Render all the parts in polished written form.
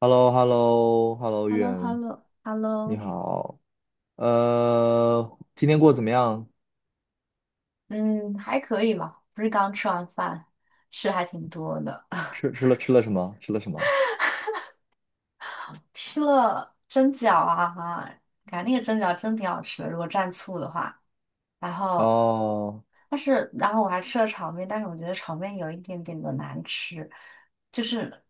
h e l l o h e l l o h e l l o h e l l o h e l 远，l o h e l l o 你好。今天过得怎么样？嗯，还可以吧，不是刚吃完饭，吃还挺多的，吃吃 了吃了什么？吃了什么？吃了蒸饺啊哈，感觉那个蒸饺真挺好吃的，如果蘸醋的话，然后哦，但是然后我还吃了炒面，但是我觉得炒面有一点点的难吃，就是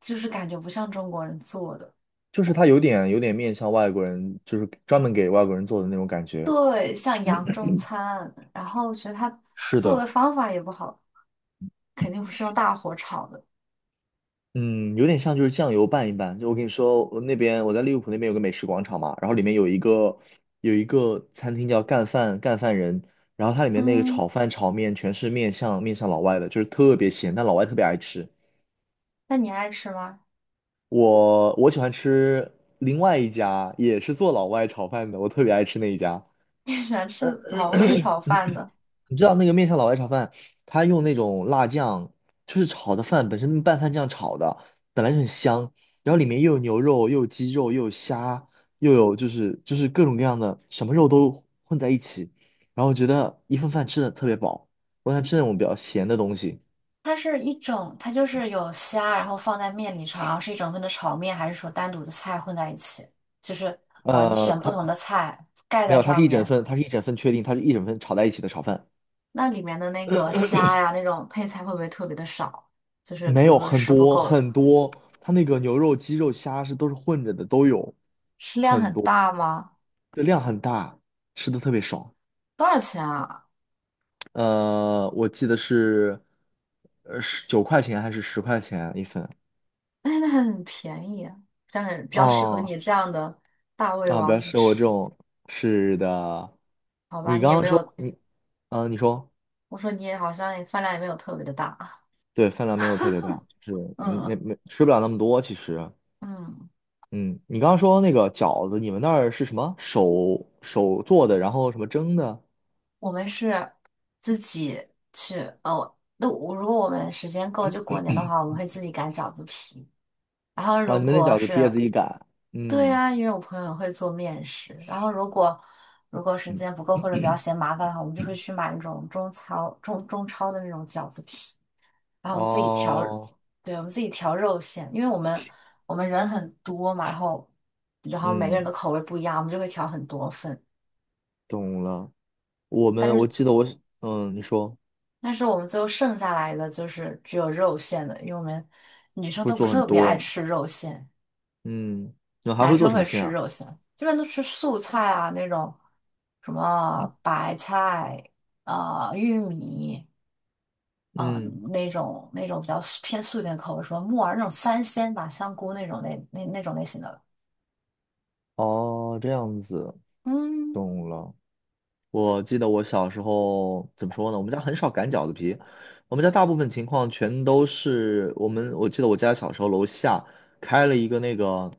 就是感觉不像中国人做的。就是它有点面向外国人，就是专门给外国人做的那种感觉。对，像洋中餐，然后我觉得他是做的的，方法也不好，肯定不是用大火炒的。嗯，有点像就是酱油拌一拌。就我跟你说，我那边我在利物浦那边有个美食广场嘛，然后里面有一个餐厅叫干饭人，然后它里面那个嗯。炒饭炒面全是面向老外的，就是特别咸，但老外特别爱吃。那你爱吃吗？我喜欢吃另外一家，也是做老外炒饭的，我特别爱吃那一家。你喜欢吃老外炒饭的？你知道那个面向老外炒饭，他用那种辣酱，就是炒的饭本身拌饭酱炒的，本来就很香，然后里面又有牛肉，又有鸡肉，又有虾，又有就是各种各样的什么肉都混在一起，然后我觉得一份饭吃的特别饱。我想吃那种比较咸的东西，它是一种，它就是有虾，然后放在面里炒，然后是一整份的炒面，还是说单独的菜混在一起？就是你选不它同的菜盖没在有，它上是一整面。份，它是一整份确定，它是一整份炒在一起的炒饭。那里面的那个虾呀，那种配菜会不会特别的少？就是没比如有说很吃不多够。很多，它那个牛肉、鸡肉、虾是都是混着的，都有，食量很大吗？这量很大，吃的特别爽。多少钱啊？我记得是，十九块钱还是十块钱一份？哎，那很便宜啊，这样很比较适合哦，你这样的大胃啊，不王要去吃我吃，这种。是的，好吧？你你刚也刚没有。说你，啊，你说我说你也好像也饭量也没有特别的大。对，饭量没有特别大，就是嗯嗯没吃不了那么多。其实，嗯，嗯，你刚刚说那个饺子，你们那儿是什么手做的，然后什么蒸的？我们是自己去哦。那我如果我们时间够，就过年的话，我们会自己擀饺子皮。然后哦，如你们那果饺子皮也是，自己擀？对嗯啊，因为我朋友会做面食。然后如果时嗯，间不够或者比较嫌麻烦的话，我们就会去买那种中超的那种饺子皮，然后我们自己调。哦，对，我们自己调肉馅，因为我们人很多嘛，然后然后每个人嗯，的口味不一样，我们就会调很多份。懂了。我们但我是。记得我是嗯，你说但是我们最后剩下来的就是只有肉馅的，因为我们女生会都不做是很特别爱多，吃肉馅，嗯，你还男会做生什会么馅吃啊？肉馅，基本都吃素菜啊那种，什么白菜、玉米、啊嗯，那种比较素偏素一点的口味，什么木耳那种三鲜吧，香菇那种类型的，哦，这样子，嗯，懂了。我记得我小时候怎么说呢？我们家很少擀饺子皮，我们家大部分情况全都是我们。我记得我家小时候楼下开了一个那个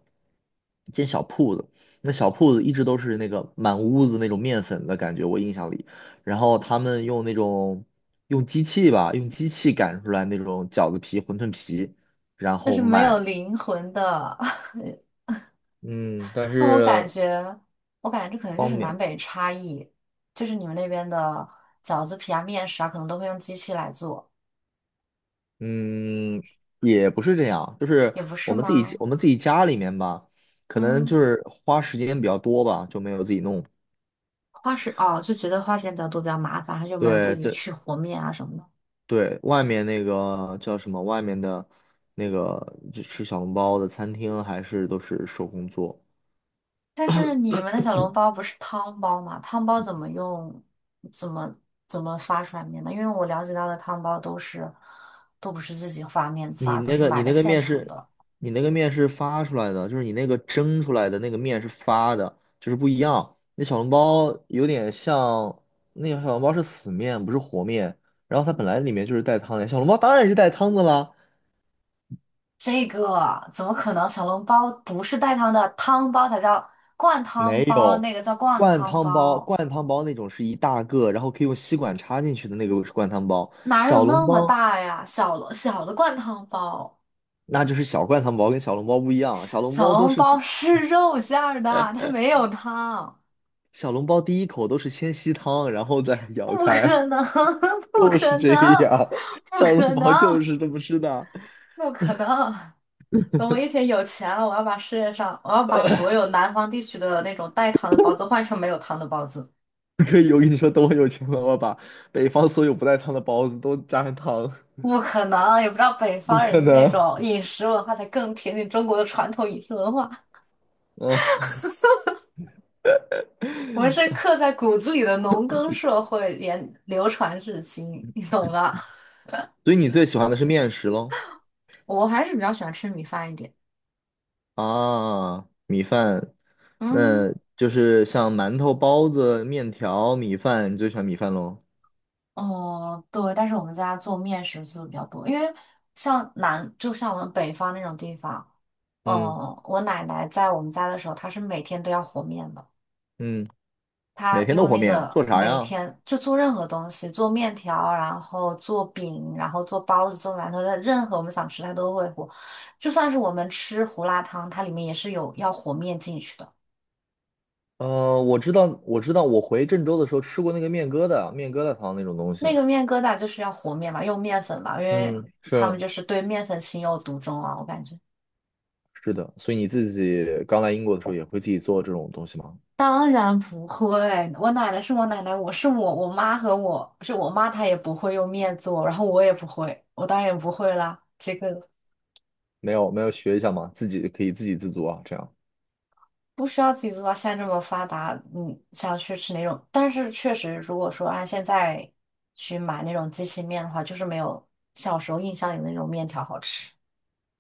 一间小铺子，那小铺子一直都是那个满屋子那种面粉的感觉，我印象里。然后他们用那种用机器吧，用机器擀出来那种饺子皮、馄饨皮，然但后是没有卖。灵魂的。嗯，但那我感是。觉，我感觉这可能就是方南便。北差异，就是你们那边的饺子皮啊、面食啊，可能都会用机器来做，嗯，也不是这样，就是也不是我们自己吗？我们自己家里面吧，可能就嗯，是花时间比较多吧，就没有自己弄。花时哦，就觉得花时间比较多，比较麻烦，他就没有自对，嗯己这去和面啊什么的。对外面那个叫什么？外面的那个就吃小笼包的餐厅还是都是手工做。但是你们的小笼包不是汤包吗？汤包怎么用？怎么怎么发出来面呢？因为我了解到的汤包都不是自己发面你发，都那是个买你的那个现面成是，的。你那个面是发出来的，就是你那个蒸出来的那个面是发的，就是不一样。那小笼包有点像，那个小笼包是死面，不是活面。然后它本来里面就是带汤的，小笼包当然是带汤的啦。这个怎么可能？小笼包不是带汤的，汤包才叫灌汤没包，有，那个叫灌灌汤汤包，包。灌汤包那种是一大个，然后可以用吸管插进去的那个是灌汤包。哪有小笼那么包大呀？小的灌汤包，那就是小灌汤包，跟小笼包不一样。小笼小包都笼是包是肉馅儿的，它没有汤，小笼包第一口都是先吸汤，然后再 咬不开。可能，不就是可这能，样，不小笼可能，包就是这么吃的。不可能！等我一天有钱了，我要把所 有南方地区的那种带汤的包子换成没有汤的包子。可以，我跟你说，等我有钱了，我把北方所有不带汤的包子都加上汤。不可能，也不知道北不方人可的那能，种饮食文化才更贴近中国的传统饮食文化。嗯，我们是刻在骨子里的农耕社会，连流传至今，你懂吗？所以你最喜欢的是面食喽？我还是比较喜欢吃米饭一点。啊，米饭，那嗯，就是像馒头、包子、面条、米饭，你最喜欢米饭喽？哦，对，但是我们家做面食做的比较多，因为就像我们北方那种地方，嗯我奶奶在我们家的时候，她是每天都要和面的。嗯，他每天都用和那面，个做啥每呀？天就做任何东西，做面条，然后做饼，然后做包子、做馒头的，任何我们想吃他都会和。就算是我们吃胡辣汤，它里面也是有要和面进去的。我知道，我知道，我回郑州的时候吃过那个面疙瘩、面疙瘩汤那种东西。那个面疙瘩就是要和面嘛，用面粉嘛，因为嗯，他们是。就是对面粉情有独钟啊，我感觉。是的，所以你自己刚来英国的时候也会自己做这种东西吗？当然不会，我奶奶是我奶奶，我是我，我妈和我是我妈，她也不会用面做，然后我也不会，我当然也不会啦，这个。没有，没有学一下吗？自己可以自给自足啊，这样。不需要自己做，到现在这么发达，你想去吃哪种？但是确实，如果说按现在去买那种机器面的话，就是没有小时候印象里的那种面条好吃。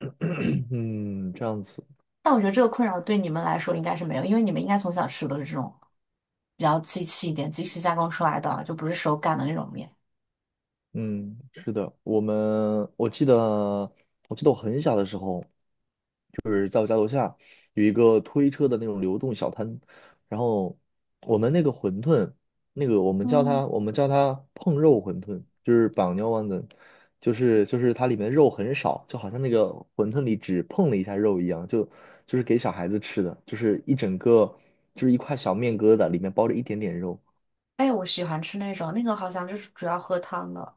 嗯，这样子。但我觉得这个困扰对你们来说应该是没有，因为你们应该从小吃的都是这种比较机器一点、机器加工出来的，就不是手擀的那种面。嗯，是的，我记得，我记得我很小的时候，有一个推车的那种流动小摊，然后我们那个馄饨，那个我们叫嗯，它我们叫它碰肉馄饨，就是绑牛丸的，就是它里面肉很少，就好像那个馄饨里只碰了一下肉一样，就就是给小孩子吃的，就是一整个就是一块小面疙瘩，里面包着一点点肉。哎，我喜欢吃那种，那个好像就是主要喝汤的。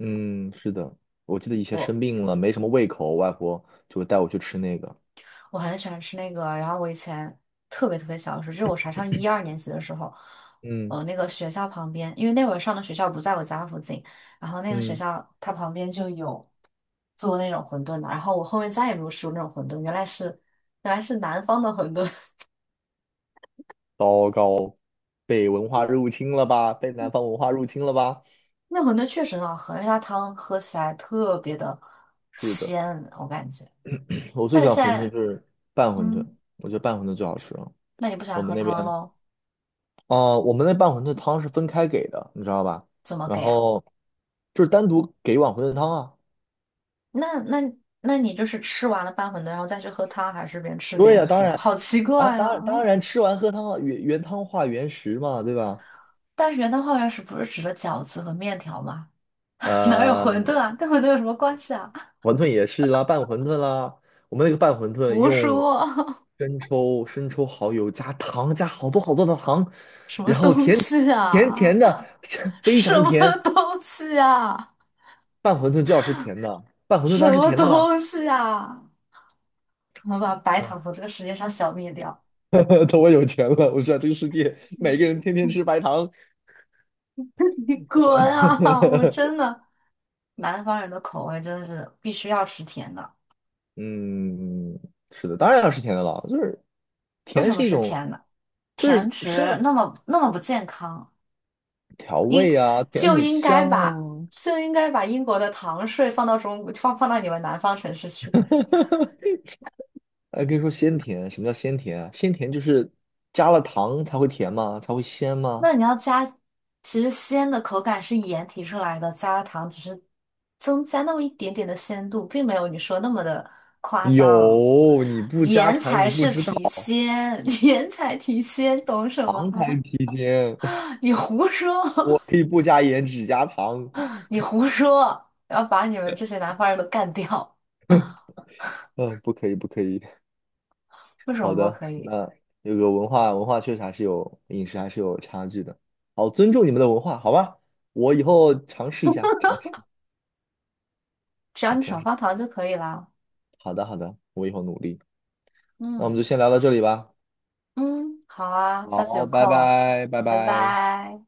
嗯，是的，我记得以前我。生病了，没什么胃口，我外婆就会带我去吃那个。我很喜欢吃那个，然后我以前特别特别小的时候，就是我才上一二年级的时候，嗯那个学校旁边，因为那会儿上的学校不在我家附近，然后那个学嗯。校它旁边就有做那种馄饨的。然后我后面再也没有吃过那种馄饨，原来是南方的馄饨。糟糕，被文化入侵了吧？被南方文化入侵了吧？那馄饨确实很好喝，而且它汤喝起来特别的是的，鲜，我感觉。我最但喜是欢现馄饨在，就是拌馄饨，嗯，我觉得拌馄饨最好吃了。那你不喜我欢们喝那汤边，喽？哦、我们那拌馄饨汤是分开给的，你知道吧？怎么然给啊？后就是单独给一碗馄饨汤啊。那那那你就是吃完了拌馄饨，然后再去喝汤，还是边吃对边呀、当喝？然，好奇啊，怪当啊！然，当然吃完喝汤了，原汤化原食嘛，对吧？但是元旦化学是不是指的饺子和面条吗？哪有馄呃，饨啊？跟馄饨有什么关系啊？馄饨也是啦，拌馄饨啦。我们那个拌馄饨胡用说！生抽、蚝油加糖，加好多好多的糖，什么然后东甜西甜甜啊？的，非什常么甜。东西啊？拌馄饨就要吃甜的，拌馄饨什当然是么甜的啦。东西啊？我们把白啊，糖从这个世界上消灭掉！等我有钱了，我知道这个世界每嗯 个人天天 吃白糖。你滚啊！我真 的，南方人的口味真的是必须要吃甜的。嗯，是的，当然要吃甜的了，就是为甜什么是一吃种，甜的？就甜是食生那么那么不健康，调味啊，甜就很应该香啊，把就应该把英国的糖税放到你们南方城市去。哎，可以说鲜甜。什么叫鲜甜啊？鲜甜就是加了糖才会甜吗？才会鲜那吗？你要加，其实鲜的口感是盐提出来的，加了糖只是增加那么一点点的鲜度，并没有你说那么的夸张。有，你不加盐糖才你不是知道，提鲜，盐才提鲜，懂什糖才是么？提鲜。你胡说，我可以不加盐，只加糖。你胡说，要把你们这些 南方人都干掉。嗯，不可以，不可以。为什么好不的，可以？那有个文化确实还是有饮食还是有差距的。好，尊重你们的文化，好吧？我以后尝试一下，尝试，只要好，你尝少试。放糖就可以了。好的，好的，我以后努力。那我们嗯就先聊到这里吧。嗯，好啊，下次有好，拜空，拜，拜拜拜。拜。